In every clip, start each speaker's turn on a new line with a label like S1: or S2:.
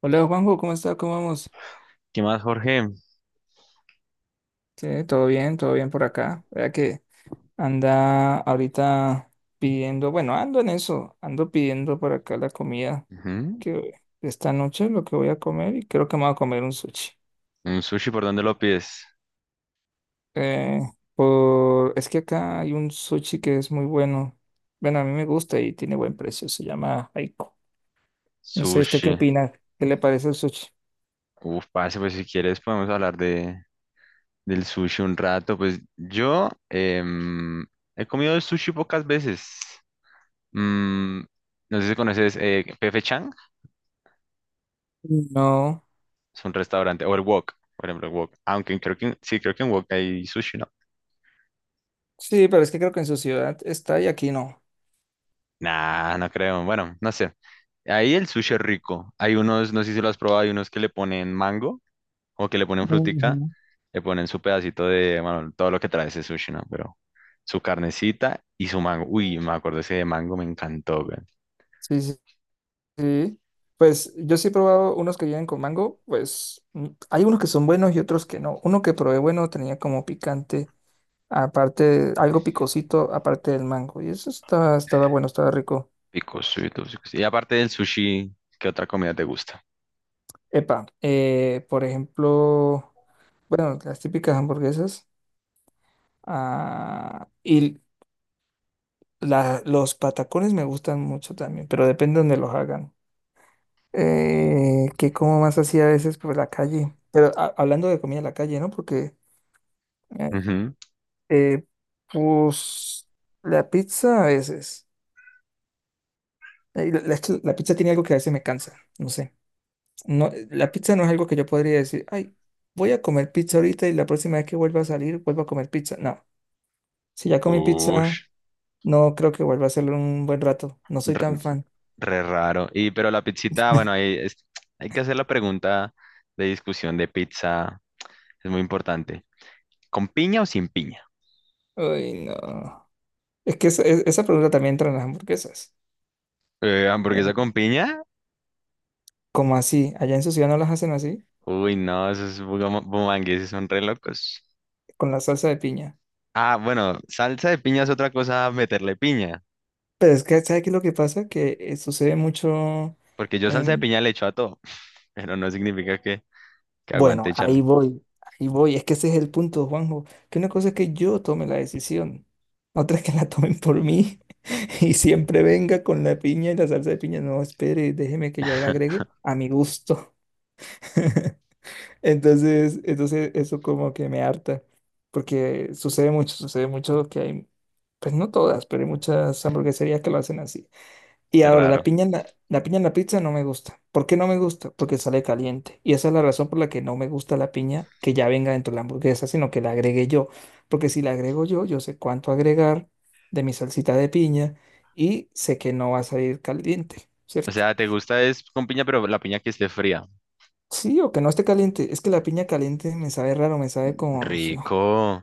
S1: Hola Juanjo, ¿cómo está? ¿Cómo vamos?
S2: ¿Qué más, Jorge?
S1: Sí, todo bien por acá. Vea que anda ahorita pidiendo, bueno, ando en eso, ando pidiendo por acá la comida
S2: Ujú.
S1: que esta noche lo que voy a comer y creo que me voy a comer un sushi.
S2: ¿Un sushi por dónde lo pides?
S1: Eh, es que acá hay un sushi que es muy bueno. Bueno, a mí me gusta y tiene buen precio, se llama Aiko. No sé, ¿usted qué
S2: Sushi.
S1: opina? ¿Qué le parece el sushi?
S2: Uf, pase, pues si quieres podemos hablar del sushi un rato. Pues yo he comido el sushi pocas veces. Mm, no sé si conoces P.F. Chang,
S1: No.
S2: es un restaurante, o el Wok, por ejemplo, el Wok. Aunque creo que, sí, creo que en Wok hay sushi, ¿no?
S1: Sí, pero es que creo que en su ciudad está y aquí no.
S2: Nah, no creo. Bueno, no sé. Ahí el sushi es rico. Hay unos, no sé si lo has probado, hay unos que le ponen mango. Como que le ponen frutica,
S1: Ujú.
S2: le ponen su pedacito de, bueno, todo lo que trae ese sushi, ¿no? Pero su carnecita y su mango. Uy, me acuerdo ese de mango, me encantó, güey.
S1: Sí, sí. Sí, pues yo sí he probado unos que vienen con mango, pues hay unos que son buenos y otros que no. Uno que probé bueno tenía como picante, aparte, algo picosito, aparte del mango. Y estaba bueno, estaba rico.
S2: Picosito, picosito. Y aparte del sushi, ¿qué otra comida te gusta?
S1: Por ejemplo, bueno, las típicas hamburguesas. Y los patacones me gustan mucho también, pero depende donde los hagan. Que como más así a veces por la calle. Pero hablando de comida en la calle, ¿no? Porque...
S2: Ujú.
S1: Eh, pues la pizza a veces. Eh, La, la- la pizza tiene algo que a veces me cansa, no sé. No, la pizza no es algo que yo podría decir, ay, voy a comer pizza ahorita y la próxima vez que vuelva a salir, vuelvo a comer pizza. No, si ya comí pizza,
S2: Ush,
S1: no creo que vuelva a hacerlo en un buen rato. No soy
S2: r-
S1: tan fan.
S2: re, raro. Y pero la pizzita, bueno, hay que hacer la pregunta de discusión de pizza. Es muy importante. ¿Con piña o sin piña?
S1: Ay, no. Es que esa pregunta también entra en las hamburguesas. Eh,
S2: ¿Hamburguesa con piña?
S1: como así? Allá en su ciudad no las hacen así,
S2: Uy, no, esos bumangueses son re locos.
S1: con la salsa de piña.
S2: Ah, bueno, salsa de piña es otra cosa meterle piña,
S1: Pero es que, ¿sabes qué es lo que pasa? Que sucede mucho...
S2: porque yo salsa de piña le echo a todo, pero no significa que
S1: Bueno,
S2: aguante
S1: ahí
S2: echarle.
S1: voy, ahí voy. Es que ese es el punto, Juanjo. Que una cosa es que yo tome la decisión, otra es que la tomen por mí y siempre venga con la piña y la salsa de piña. No, espere, déjeme que yo la agregue a mi gusto. Entonces eso como que me harta, porque sucede mucho que hay, pues no todas, pero hay muchas hamburgueserías que lo hacen así. Y
S2: Qué
S1: ahora,
S2: raro.
S1: la piña en la pizza no me gusta. ¿Por qué no me gusta? Porque sale caliente. Y esa es la razón por la que no me gusta la piña que ya venga dentro de la hamburguesa, sino que la agregue yo. Porque si la agrego yo, yo sé cuánto agregar de mi salsita de piña y sé que no va a salir caliente,
S2: O
S1: ¿cierto?
S2: sea, te gusta es con piña, pero la piña que esté fría.
S1: Sí, o que no esté caliente. Es que la piña caliente me sabe raro, me sabe como...
S2: Rico,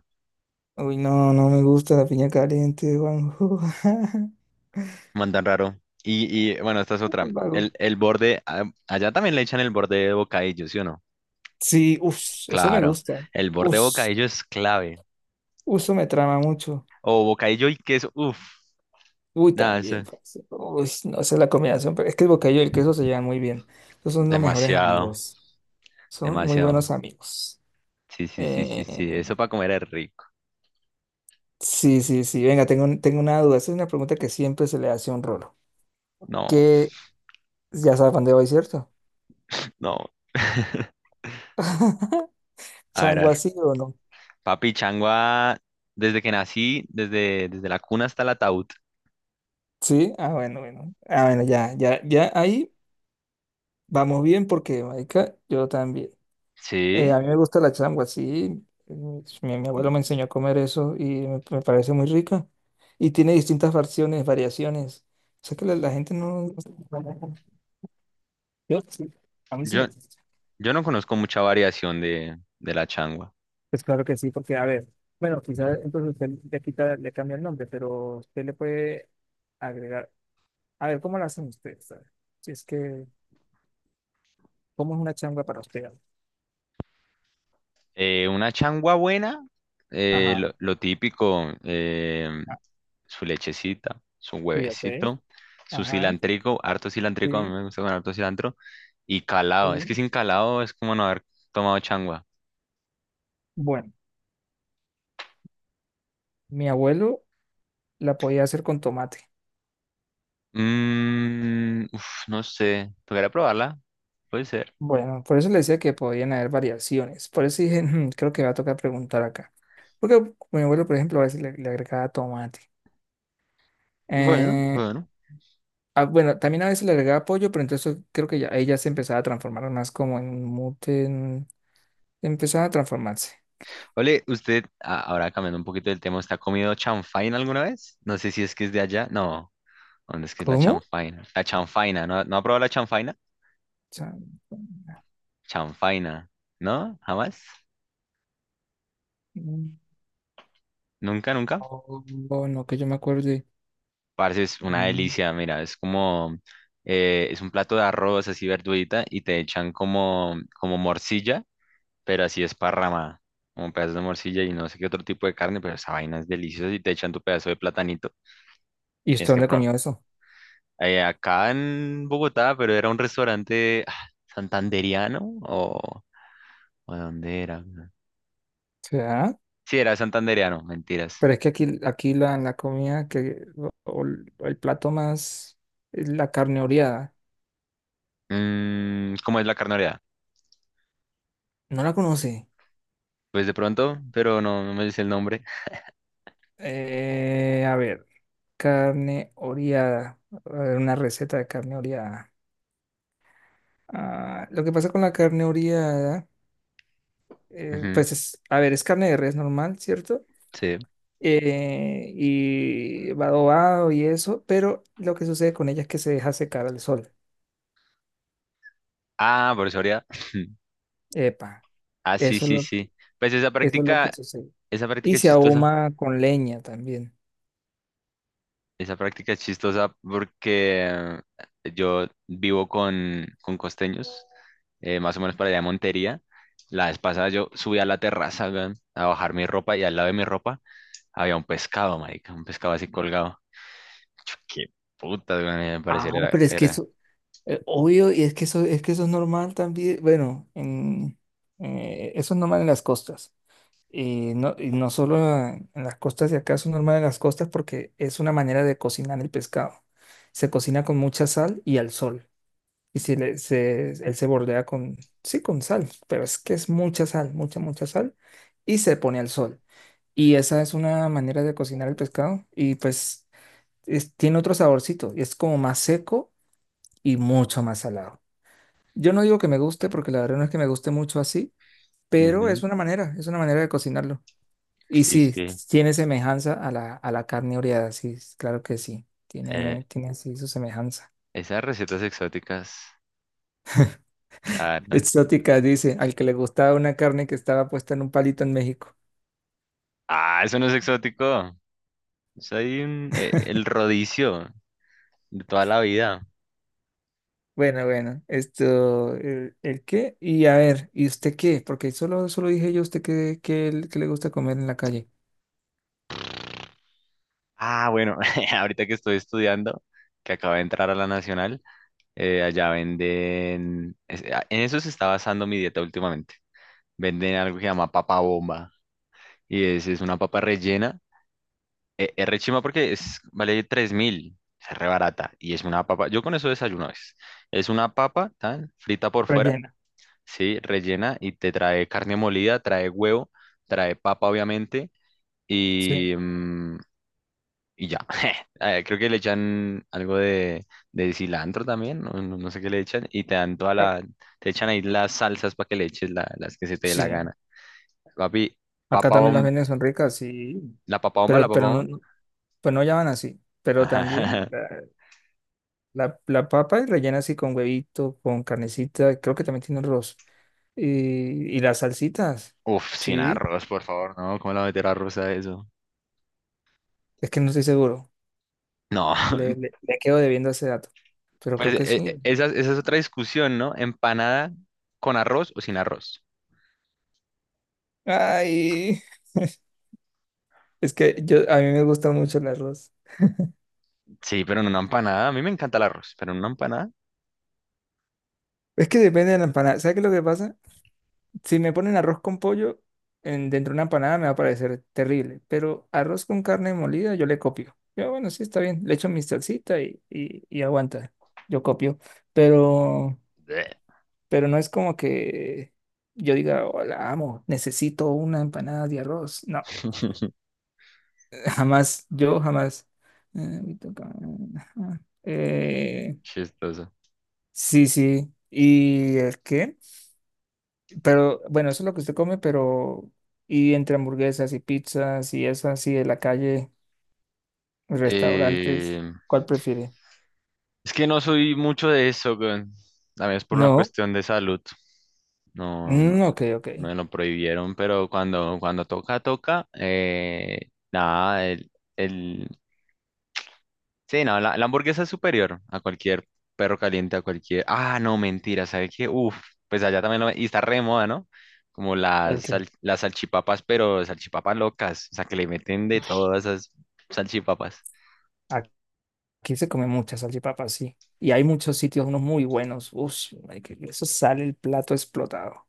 S1: Uy, no, no me gusta la piña caliente, Juanjo.
S2: mandan raro. Y bueno, esta es otra.
S1: El vago.
S2: El borde, ah, allá también le echan el borde de bocadillo, ¿sí o no?
S1: Sí, uff, eso me
S2: Claro,
S1: gusta.
S2: el borde de
S1: Uff,
S2: bocadillo es clave.
S1: eso me trama mucho.
S2: O bocadillo y queso, uff,
S1: Uy,
S2: nada, eso
S1: también,
S2: es
S1: parce. Uy, no sé la combinación, pero es que el bocadillo y el queso se llevan muy bien. Esos son los mejores
S2: demasiado,
S1: amigos. Son muy
S2: demasiado.
S1: buenos amigos.
S2: Sí, sí, sí, sí,
S1: Eh,
S2: sí, eso para comer es rico.
S1: sí, sí, sí. Venga, tengo una duda. Esa es una pregunta que siempre se le hace a un rolo.
S2: No,
S1: Que ya sabe para dónde voy, ¿cierto?
S2: no. A ver, a
S1: ¿Chango
S2: ver.
S1: así o no?
S2: Papi Changua, desde que nací, desde la cuna hasta el ataúd.
S1: Sí, ah, bueno, bueno. Ah, bueno, ya ahí vamos bien porque, marica, yo también. A
S2: Sí.
S1: mí me gusta la changua, sí. Pues, abuelo
S2: Mm,
S1: me enseñó a comer eso y me parece muy rica. Y tiene distintas versiones, variaciones. O sea que la gente no... Yo sí, a mí sí
S2: Yo,
S1: me...
S2: yo no conozco mucha variación de la changua.
S1: Pues claro que sí, porque a ver, bueno, quizás entonces usted le quita, le cambia el nombre, pero usted le puede agregar... A ver, ¿cómo lo hacen ustedes? A ver, si es que, ¿cómo es una changua para usted?
S2: Una changua buena,
S1: Ajá,
S2: lo típico,
S1: ah,
S2: su lechecita, su
S1: sí, ok,
S2: huevecito, su
S1: ajá,
S2: cilantrico, harto cilantrico, a mí
S1: sí,
S2: me gusta con harto cilantro, y calado. Es que
S1: sí.
S2: sin calado es como no haber tomado changua.
S1: Bueno, mi abuelo la podía hacer con tomate.
S2: Mm, uf, no sé. Tocará probarla. Puede ser.
S1: Bueno, por eso le decía que podían haber variaciones. Por eso dije, "Mm, creo que me va a tocar preguntar acá. Porque mi abuelo, por ejemplo, a veces le agregaba tomate.
S2: Bueno,
S1: Eh,
S2: bueno.
S1: bueno, también a veces le agregaba pollo, pero entonces creo que ya, ahí ya se empezaba a transformar más como en un mute. Empezaba a transformarse.
S2: Ole, usted, ahora cambiando un poquito del tema, ¿usted ha comido chanfaina alguna vez? No sé si es que es de allá. No, ¿dónde es que es la
S1: ¿Cómo? O
S2: chanfaina? La chanfaina, ¿no, no ha probado la chanfaina?
S1: sea,
S2: Chanfaina, ¿no? ¿Jamás?
S1: mm,
S2: ¿Nunca, nunca?
S1: oh, oh, no, que yo me acuerde.
S2: Parce, es una
S1: Mm.
S2: delicia, mira, es como, es un plato de arroz así verdurita y te echan como, como morcilla pero así esparramada, como pedazos de morcilla y no sé qué otro tipo de carne, pero esa vaina es deliciosa y te echan tu pedazo de platanito.
S1: ¿Y
S2: Tienes
S1: usted
S2: que
S1: dónde
S2: probar.
S1: comió eso? O
S2: Acá en Bogotá, pero era un restaurante ah, santanderiano o, ¿o dónde era?
S1: sea,
S2: Sí, era santanderiano, mentiras.
S1: pero es que aquí, aquí la comida que, o el plato más, es la carne oreada.
S2: Mm, ¿cómo es la carne oreada?
S1: No la conoce.
S2: Pues de pronto, pero no, no me dice el nombre.
S1: A ver, carne oreada. A ver, una receta de carne oreada. Ah, lo que pasa con la carne oreada,
S2: Ujú,
S1: pues es, a ver, es carne de res normal, ¿cierto?
S2: sí.
S1: Y va adobado y eso, pero lo que sucede con ella es que se deja secar al sol.
S2: Ah, por eso oreada.
S1: Epa,
S2: Ah, sí,
S1: eso es
S2: sí,
S1: lo que,
S2: sí. Pues
S1: eso es lo que sucede.
S2: esa
S1: Y
S2: práctica es
S1: se
S2: chistosa.
S1: ahuma con leña también.
S2: Esa práctica es chistosa porque yo vivo con costeños, más o menos para allá de Montería. La vez pasada yo subí a la terraza, weón, a bajar mi ropa y al lado de mi ropa había un pescado, marica, un pescado así colgado. Yo, qué puta, me
S1: Ah,
S2: parecer
S1: pero es que
S2: era.
S1: eso, obvio, y es que eso, es que eso es normal también, bueno, en, eso es normal en las costas. Y no solo en las costas de acá, eso es normal en las costas porque es una manera de cocinar el pescado. Se cocina con mucha sal y al sol. Y si él se bordea con, sí, con sal, pero es que es mucha sal, mucha, mucha sal, y se pone al sol. Y esa es una manera de cocinar el pescado y pues tiene otro saborcito, y es como más seco y mucho más salado. Yo no digo que me guste, porque la verdad no es que me guste mucho así, pero
S2: Ujú,
S1: es una manera de cocinarlo. Y
S2: sí,
S1: sí,
S2: sí.
S1: tiene semejanza a a la carne oreada, sí, claro que sí,
S2: Eh,
S1: tiene, tiene así su semejanza.
S2: esas recetas exóticas, la verdad.
S1: Exótica, dice, al que le gustaba una carne que estaba puesta en un palito en México.
S2: Ah, eso no es exótico. Es ahí el rodicio de toda la vida.
S1: Bueno, bueno, esto, el qué? Y a ver, ¿y usted qué? Porque solo, solo dije yo, ¿usted qué, qué le gusta comer en la calle?
S2: Ah, bueno, ahorita que estoy estudiando, que acabo de entrar a la Nacional, allá venden, en eso se está basando mi dieta últimamente. Venden algo que se llama papa bomba y es una papa rellena. Eh, es re chimba porque es, vale 3.000, es re barata y es una papa, yo con eso desayuno es una papa tan frita por fuera,
S1: Rellena.
S2: sí, rellena y te trae carne molida, trae huevo, trae papa obviamente
S1: Sí,
S2: y, mm, y ya. Creo que le echan algo de cilantro también, no sé qué le echan, y te dan toda
S1: Ah,
S2: la, te echan ahí las salsas para que le eches las que se te dé la
S1: sí.
S2: gana. Papi,
S1: Acá
S2: papa
S1: también las
S2: bomba,
S1: venden, son ricas, sí.
S2: la papa bomba, la
S1: Pero,
S2: papa bomba.
S1: pues no llaman así, pero también
S2: Ajá.
S1: la papa es rellena así con huevito, con carnecita, creo que también tiene arroz. Y, las salsitas,
S2: Uf, sin
S1: sí,
S2: arroz, por favor, ¿no? ¿Cómo la meter arroz a eso?
S1: es que no estoy seguro,
S2: No,
S1: le quedo debiendo ese dato, pero
S2: pues
S1: creo que sí.
S2: esa es otra discusión, ¿no? Empanada con arroz o sin arroz.
S1: Ay, es que yo, a mí me gusta mucho el arroz.
S2: Sí, pero en una empanada, a mí me encanta el arroz, pero en una empanada,
S1: Es que depende de la empanada. ¿Sabes qué es lo que pasa? Si me ponen arroz con pollo en, dentro de una empanada me va a parecer terrible, pero arroz con carne molida yo le copio. Yo, bueno, sí, está bien, le echo mi salsita y aguanta, yo copio, pero,
S2: bleh.
S1: pero no es como que yo diga, hola, amo, necesito una empanada de arroz. No, jamás, yo jamás. Eh, me toca- ajá.
S2: chistoso.
S1: Sí, sí, ¿y el qué? Pero bueno, eso es lo que usted come, pero y entre hamburguesas y pizzas y eso así de la calle, restaurantes,
S2: Eh,
S1: ¿cuál prefiere?
S2: Es que no soy mucho de eso, weón. También es por una
S1: No,
S2: cuestión de salud. No, no,
S1: Ok, ok.
S2: me lo prohibieron, pero cuando, cuando toca, toca. Eh, nada, el... Sí, no, la hamburguesa es superior a cualquier perro caliente, a cualquier... Ah, no, mentira, ¿sabes qué? Uf, pues allá también lo... Y está re de moda, ¿no? Como
S1: ¿El
S2: las,
S1: qué?
S2: las salchipapas, pero salchipapas locas. O sea, que le meten de todas esas salchipapas.
S1: Aquí se come muchas salchipapas, sí. Y hay muchos sitios, unos muy buenos. Uf, marica, que eso sale el plato explotado.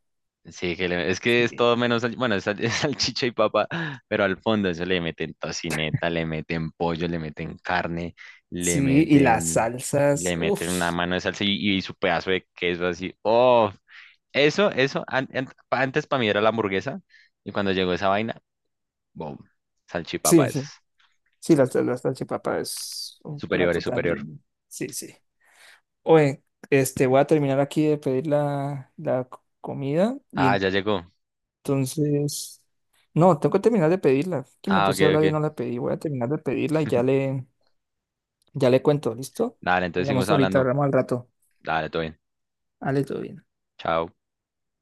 S2: Sí, que es que es
S1: Sí,
S2: todo menos, es salchicha y papa, pero al fondo eso le meten tocineta, le meten pollo, le meten carne, le
S1: sí, y las
S2: meten,
S1: salsas,
S2: le
S1: uff
S2: meten una mano de salsa y su pedazo de queso así. Oh, eso, an- an- pa- antes para mí era la hamburguesa y cuando llegó esa vaina, boom, salchipapa
S1: sí,
S2: es
S1: sí, sí, las salchipapas es un
S2: superior,
S1: plato
S2: es superior.
S1: también. Sí, sí. Oye, este, voy a terminar aquí de pedir comida
S2: Ah,
S1: y
S2: ya llegó.
S1: entonces... No, tengo que terminar de pedirla. Que me
S2: Ah, ok,
S1: puse a hablar y
S2: ok.
S1: no la pedí. Voy a terminar de pedirla y ya ya le cuento, ¿listo?
S2: Dale, entonces seguimos
S1: Hablamos ahorita,
S2: hablando.
S1: hablamos al rato.
S2: Dale, todo bien.
S1: Ale, todo bien.
S2: Chao.